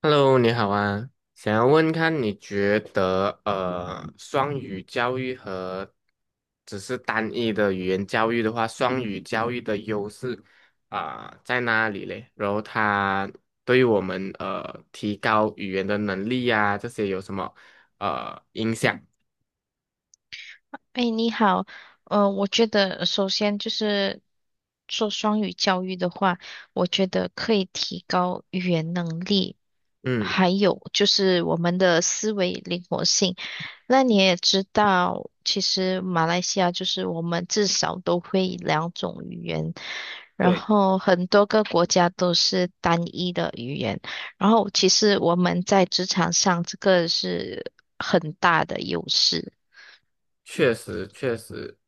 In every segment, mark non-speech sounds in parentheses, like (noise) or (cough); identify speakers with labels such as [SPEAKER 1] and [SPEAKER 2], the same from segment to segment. [SPEAKER 1] Hello，你好啊，想要问看你觉得双语教育和只是单一的语言教育的话，双语教育的优势啊、在哪里嘞？然后它对于我们提高语言的能力呀、这些有什么影响？
[SPEAKER 2] 哎，你好，我觉得首先就是做双语教育的话，我觉得可以提高语言能力，
[SPEAKER 1] 嗯，
[SPEAKER 2] 还有就是我们的思维灵活性。那你也知道，其实马来西亚就是我们至少都会两种语言，然
[SPEAKER 1] 对，
[SPEAKER 2] 后很多个国家都是单一的语言，然后其实我们在职场上这个是很大的优势。
[SPEAKER 1] 确实确实，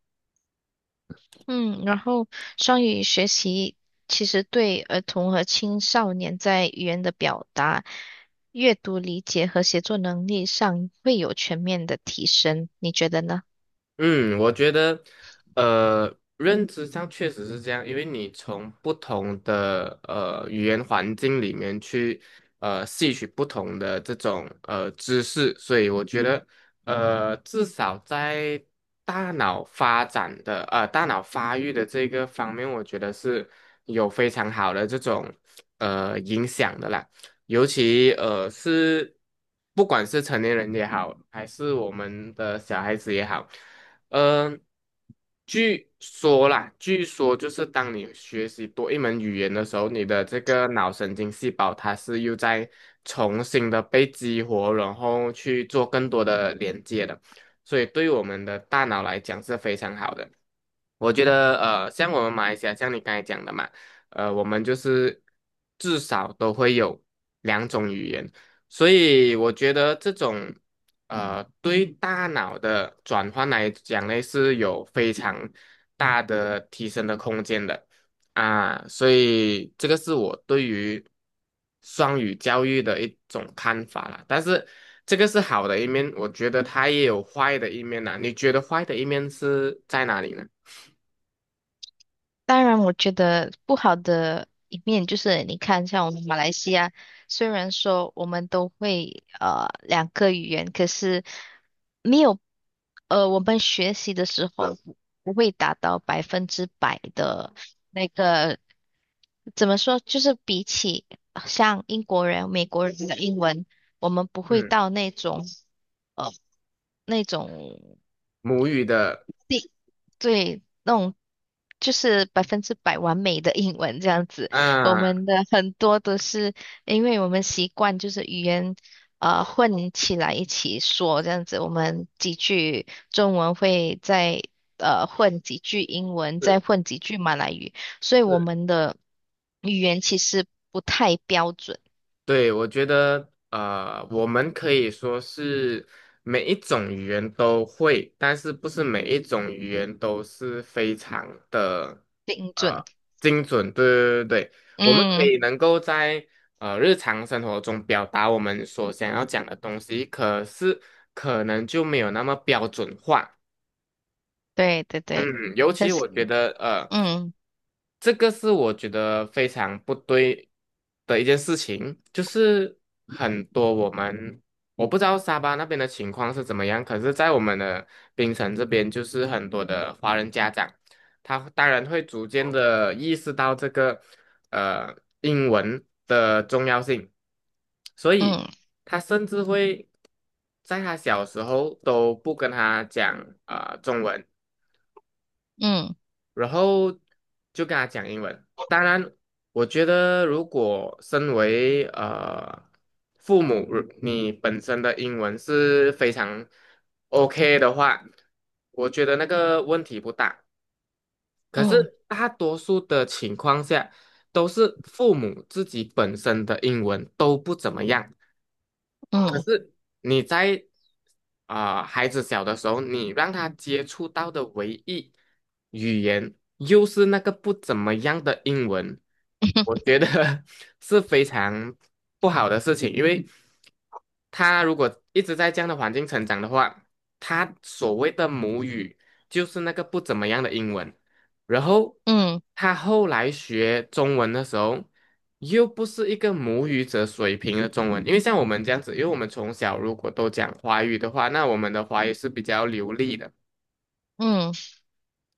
[SPEAKER 2] 嗯，然后双语学习其实对儿童和青少年在语言的表达、阅读理解和写作能力上会有全面的提升，你觉得呢？
[SPEAKER 1] 嗯，我觉得，认知上确实是这样，因为你从不同的语言环境里面去吸取不同的这种知识，所以我觉得，呃，至少在大脑发育的这个方面，我觉得是有非常好的这种影响的啦。尤其是不管是成年人也好，还是我们的小孩子也好，嗯、据说啦，据说就是当你学习多一门语言的时候，你的这个脑神经细胞它是又在重新的被激活，然后去做更多的连接的，所以对我们的大脑来讲是非常好的。我觉得像我们马来西亚，像你刚才讲的嘛。我们就是至少都会有两种语言，所以我觉得这种对大脑的转换来讲呢，是有非常大的提升的空间的啊，所以这个是我对于双语教育的一种看法啦。但是这个是好的一面，我觉得它也有坏的一面呐。你觉得坏的一面是在哪里呢？
[SPEAKER 2] 当然，我觉得不好的一面就是你看，像我们马来西亚，虽然说我们都会两个语言，可是没有我们学习的时候不会达到百分之百的。那个怎么说？就是比起像英国人、美国人的英文，我们不会
[SPEAKER 1] 嗯，
[SPEAKER 2] 到那种呃那种
[SPEAKER 1] 母语的，
[SPEAKER 2] 地对那种就是百分之百完美的英文这样子。我
[SPEAKER 1] 啊，
[SPEAKER 2] 们的很多都是因为我们习惯就是语言混起来一起说这样子，我们几句中文会再混几句英文，
[SPEAKER 1] 是。
[SPEAKER 2] 再混几句马来语，所以我们的语言其实不太标准。
[SPEAKER 1] 对，我觉得我们可以说是每一种语言都会，但是不是每一种语言都是非常的
[SPEAKER 2] 精准，
[SPEAKER 1] 呃精准。对对对对，我们可
[SPEAKER 2] 嗯，
[SPEAKER 1] 以能够在日常生活中表达我们所想要讲的东西，可是可能就没有那么标准化。
[SPEAKER 2] 对对对，
[SPEAKER 1] 嗯，尤
[SPEAKER 2] 可
[SPEAKER 1] 其
[SPEAKER 2] 是，
[SPEAKER 1] 我觉得，
[SPEAKER 2] 嗯
[SPEAKER 1] 这个是我觉得非常不对的一件事情，就是很多我们我不知道沙巴那边的情况是怎么样，可是，在我们的槟城这边，就是很多的华人家长，他当然会逐渐的意识到这个呃英文的重要性，所以
[SPEAKER 2] 嗯
[SPEAKER 1] 他甚至会在他小时候都不跟他讲中文。
[SPEAKER 2] 嗯
[SPEAKER 1] 然后就跟他讲英文。当然，我觉得如果身为父母，如你本身的英文是非常 OK 的话，我觉得那个问题不大。可
[SPEAKER 2] 嗯
[SPEAKER 1] 是大多数的情况下，都是父母自己本身的英文都不怎么样。
[SPEAKER 2] 嗯
[SPEAKER 1] 你在孩子小的时候，你让他接触到的唯一。语言，又是那个不怎么样的英文，我
[SPEAKER 2] (laughs)
[SPEAKER 1] 觉得 (laughs) 是非常不好的事情，因为他如果一直在这样的环境成长的话，他所谓的母语就是那个不怎么样的英文，然后
[SPEAKER 2] 嗯
[SPEAKER 1] 他后来学中文的时候，又不是一个母语者水平的中文，因为像我们这样子，因为我们从小如果都讲华语的话，那我们的华语是比较流利的，
[SPEAKER 2] 嗯，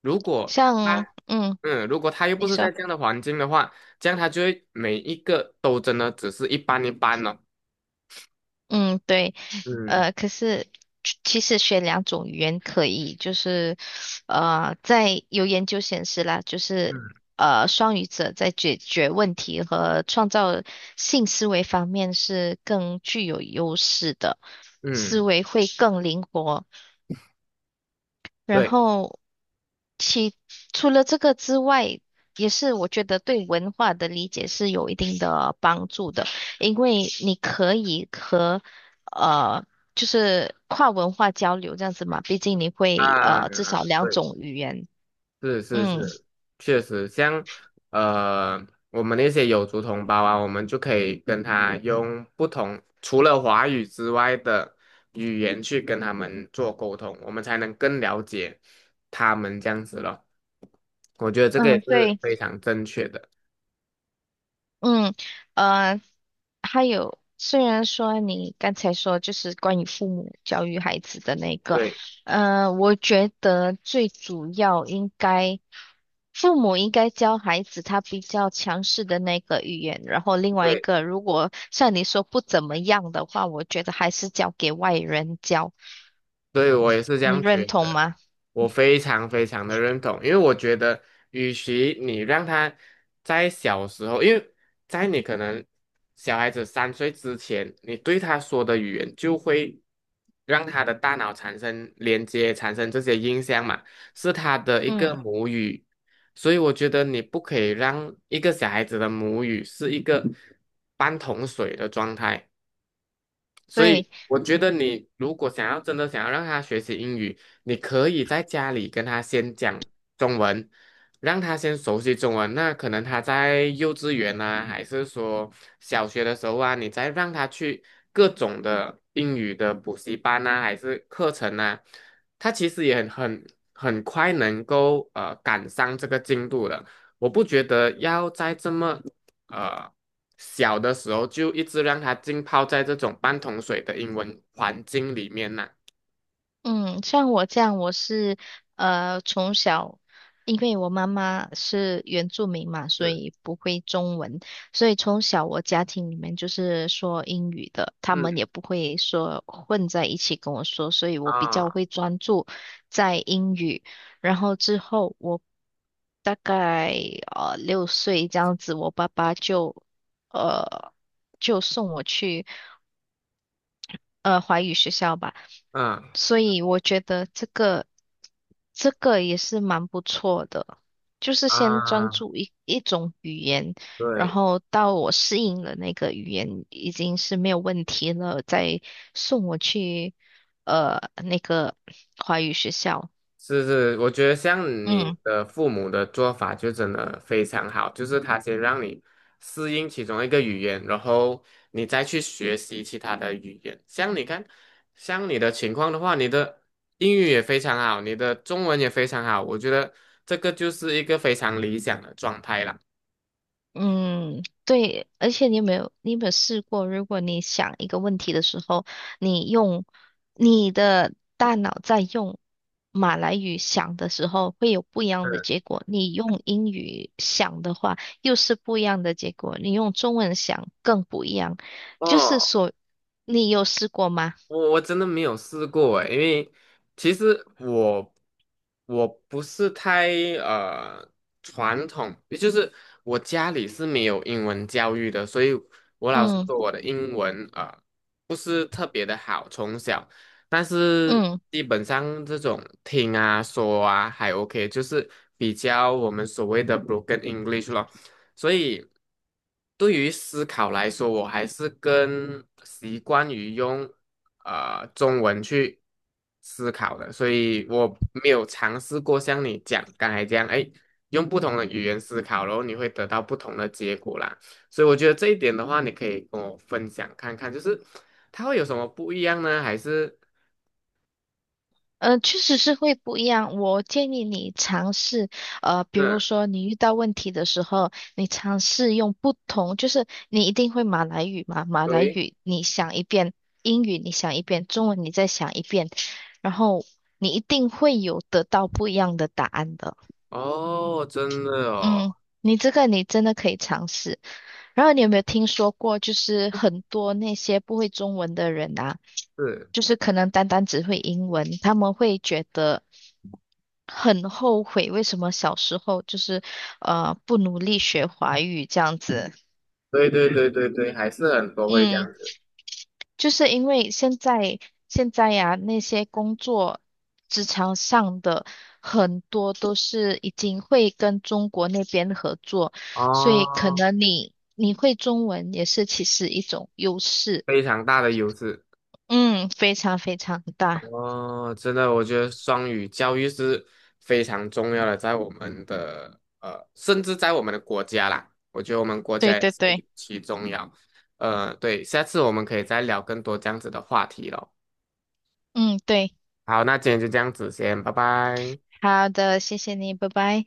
[SPEAKER 1] 如果
[SPEAKER 2] 像，
[SPEAKER 1] 他
[SPEAKER 2] 嗯，
[SPEAKER 1] 嗯，如果他又不
[SPEAKER 2] 你
[SPEAKER 1] 是在
[SPEAKER 2] 说，
[SPEAKER 1] 这样的环境的话，这样他就会每一个都真的只是一般一般了。
[SPEAKER 2] 嗯，对，
[SPEAKER 1] 嗯
[SPEAKER 2] 可是其实学两种语言可以，就是，在有研究显示啦，就是
[SPEAKER 1] 嗯
[SPEAKER 2] 双语者在解决问题和创造性思维方面是更具有优势的，思
[SPEAKER 1] 嗯，
[SPEAKER 2] 维会更灵活。然
[SPEAKER 1] 对
[SPEAKER 2] 后除了这个之外，也是我觉得对文化的理解是有一定的帮助的，因为你可以和呃，就是跨文化交流这样子嘛，毕竟你会
[SPEAKER 1] 啊，
[SPEAKER 2] 至少两
[SPEAKER 1] 对，
[SPEAKER 2] 种语言。
[SPEAKER 1] 是是
[SPEAKER 2] 嗯
[SPEAKER 1] 是，确实，像呃，我们那些有族同胞啊，我们就可以跟他用不同，除了华语之外的语言去跟他们做沟通，我们才能更了解他们这样子咯。我觉得这个也
[SPEAKER 2] 嗯，
[SPEAKER 1] 是
[SPEAKER 2] 对，
[SPEAKER 1] 非常正确的。
[SPEAKER 2] 嗯呃，还有，虽然说你刚才说就是关于父母教育孩子的那个，
[SPEAKER 1] 对
[SPEAKER 2] 我觉得最主要应该。父母应该教孩子他比较强势的那个语言，然后另外一
[SPEAKER 1] 对，
[SPEAKER 2] 个，如果像你说不怎么样的话，我觉得还是交给外人教，
[SPEAKER 1] 所以我也是这
[SPEAKER 2] 你
[SPEAKER 1] 样觉
[SPEAKER 2] 认同
[SPEAKER 1] 得。
[SPEAKER 2] 吗？
[SPEAKER 1] 我非常非常的认同，因为我觉得，与其你让他在小时候，因为在你可能小孩子三岁之前，你对他说的语言就会让他的大脑产生连接，产生这些印象嘛，是他的一个
[SPEAKER 2] 嗯，
[SPEAKER 1] 母语，所以我觉得你不可以让一个小孩子的母语是一个半桶水的状态。所以
[SPEAKER 2] 对。
[SPEAKER 1] 我觉得你如果想要让他学习英语，你可以在家里跟他先讲中文，让他先熟悉中文。那可能他在幼稚园啊，还是说小学的时候啊，你再让他去各种的英语的补习班啊，还是课程啊，他其实也很快能够赶上这个进度的。我不觉得要在这么呃小的时候就一直让他浸泡在这种半桶水的英文环境里面呢。
[SPEAKER 2] 嗯，像我这样，我是从小，因为我妈妈是原住民嘛，所
[SPEAKER 1] 是，
[SPEAKER 2] 以不会中文，所以从小我家庭里面就是说英语的，他们
[SPEAKER 1] 嗯
[SPEAKER 2] 也不会说混在一起跟我说，所以我比较
[SPEAKER 1] 啊
[SPEAKER 2] 会专注在英语。然后之后我大概六岁这样子，我爸爸呃就送我去，华语学校吧，
[SPEAKER 1] 嗯
[SPEAKER 2] 所以我觉得这个也是蛮不错的，就是先专
[SPEAKER 1] 啊，
[SPEAKER 2] 注一种语言，然
[SPEAKER 1] 对，
[SPEAKER 2] 后到我适应了那个语言已经是没有问题了，再送我去那个华语学校。
[SPEAKER 1] 是是，我觉得像你
[SPEAKER 2] 嗯。
[SPEAKER 1] 的父母的做法就真的非常好，就是他先让你适应其中一个语言，然后你再去学习其他的语言。像你看，像你的情况的话，你的英语也非常好，你的中文也非常好，我觉得这个就是一个非常理想的状态啦。
[SPEAKER 2] 嗯，对，而且你有没有，你有没有试过，如果你想一个问题的时候，你用你的大脑在用马来语想的时候，会有不一样的
[SPEAKER 1] 嗯
[SPEAKER 2] 结果；你用英语想的话，又是不一样的结果；你用中文想更不一样。就是
[SPEAKER 1] 哦，
[SPEAKER 2] 说，你有试过吗？
[SPEAKER 1] 我真的没有试过诶，因为其实我不是太呃传统，也就是我家里是没有英文教育的，所以我老师
[SPEAKER 2] 嗯
[SPEAKER 1] 说我的英文不是特别的好，从小，但是
[SPEAKER 2] 嗯。
[SPEAKER 1] 基本上这种听啊说啊还 OK,就是比较我们所谓的 broken English 咯。所以对于思考来说，我还是更习惯于用中文去思考的，所以我没有尝试过像你讲刚才这样，哎，用不同的语言思考，然后你会得到不同的结果啦。所以我觉得这一点的话，你可以跟我分享看看，就是它会有什么不一样呢？还是
[SPEAKER 2] 确实是会不一样。我建议你尝试，比
[SPEAKER 1] 嗯，
[SPEAKER 2] 如说你遇到问题的时候，你尝试用不同，就是你一定会马来语嘛，马来
[SPEAKER 1] 对，
[SPEAKER 2] 语你想一遍，英语你想一遍，中文你再想一遍，然后你一定会有得到不一样的答案的。
[SPEAKER 1] 哦，真的
[SPEAKER 2] 嗯，
[SPEAKER 1] 哦，
[SPEAKER 2] 你这个你真的可以尝试。然后你有没有听说过，就是很多那些不会中文的人啊，
[SPEAKER 1] 是，
[SPEAKER 2] 就是可能单单只会英文，他们会觉得很后悔，为什么小时候就是不努力学华语这样子。
[SPEAKER 1] 对对对对对，还是很多会这样
[SPEAKER 2] 嗯。
[SPEAKER 1] 子
[SPEAKER 2] 就是因为现在呀、那些工作职场上的很多都是已经会跟中国那边合作，所以可
[SPEAKER 1] 哦。
[SPEAKER 2] 能你会中文也是其实一种优势，
[SPEAKER 1] 非常大的优势
[SPEAKER 2] 嗯，非常非常大，
[SPEAKER 1] 哦，真的，我觉得双语教育是非常重要的，在我们的呃，甚至在我们的国家啦，我觉得我们国
[SPEAKER 2] 对
[SPEAKER 1] 家也
[SPEAKER 2] 对
[SPEAKER 1] 是尤
[SPEAKER 2] 对，
[SPEAKER 1] 其重要。对，下次我们可以再聊更多这样子的话题咯。
[SPEAKER 2] 嗯对，
[SPEAKER 1] 好，那今天就这样子先，拜拜。
[SPEAKER 2] 好的，谢谢你，拜拜。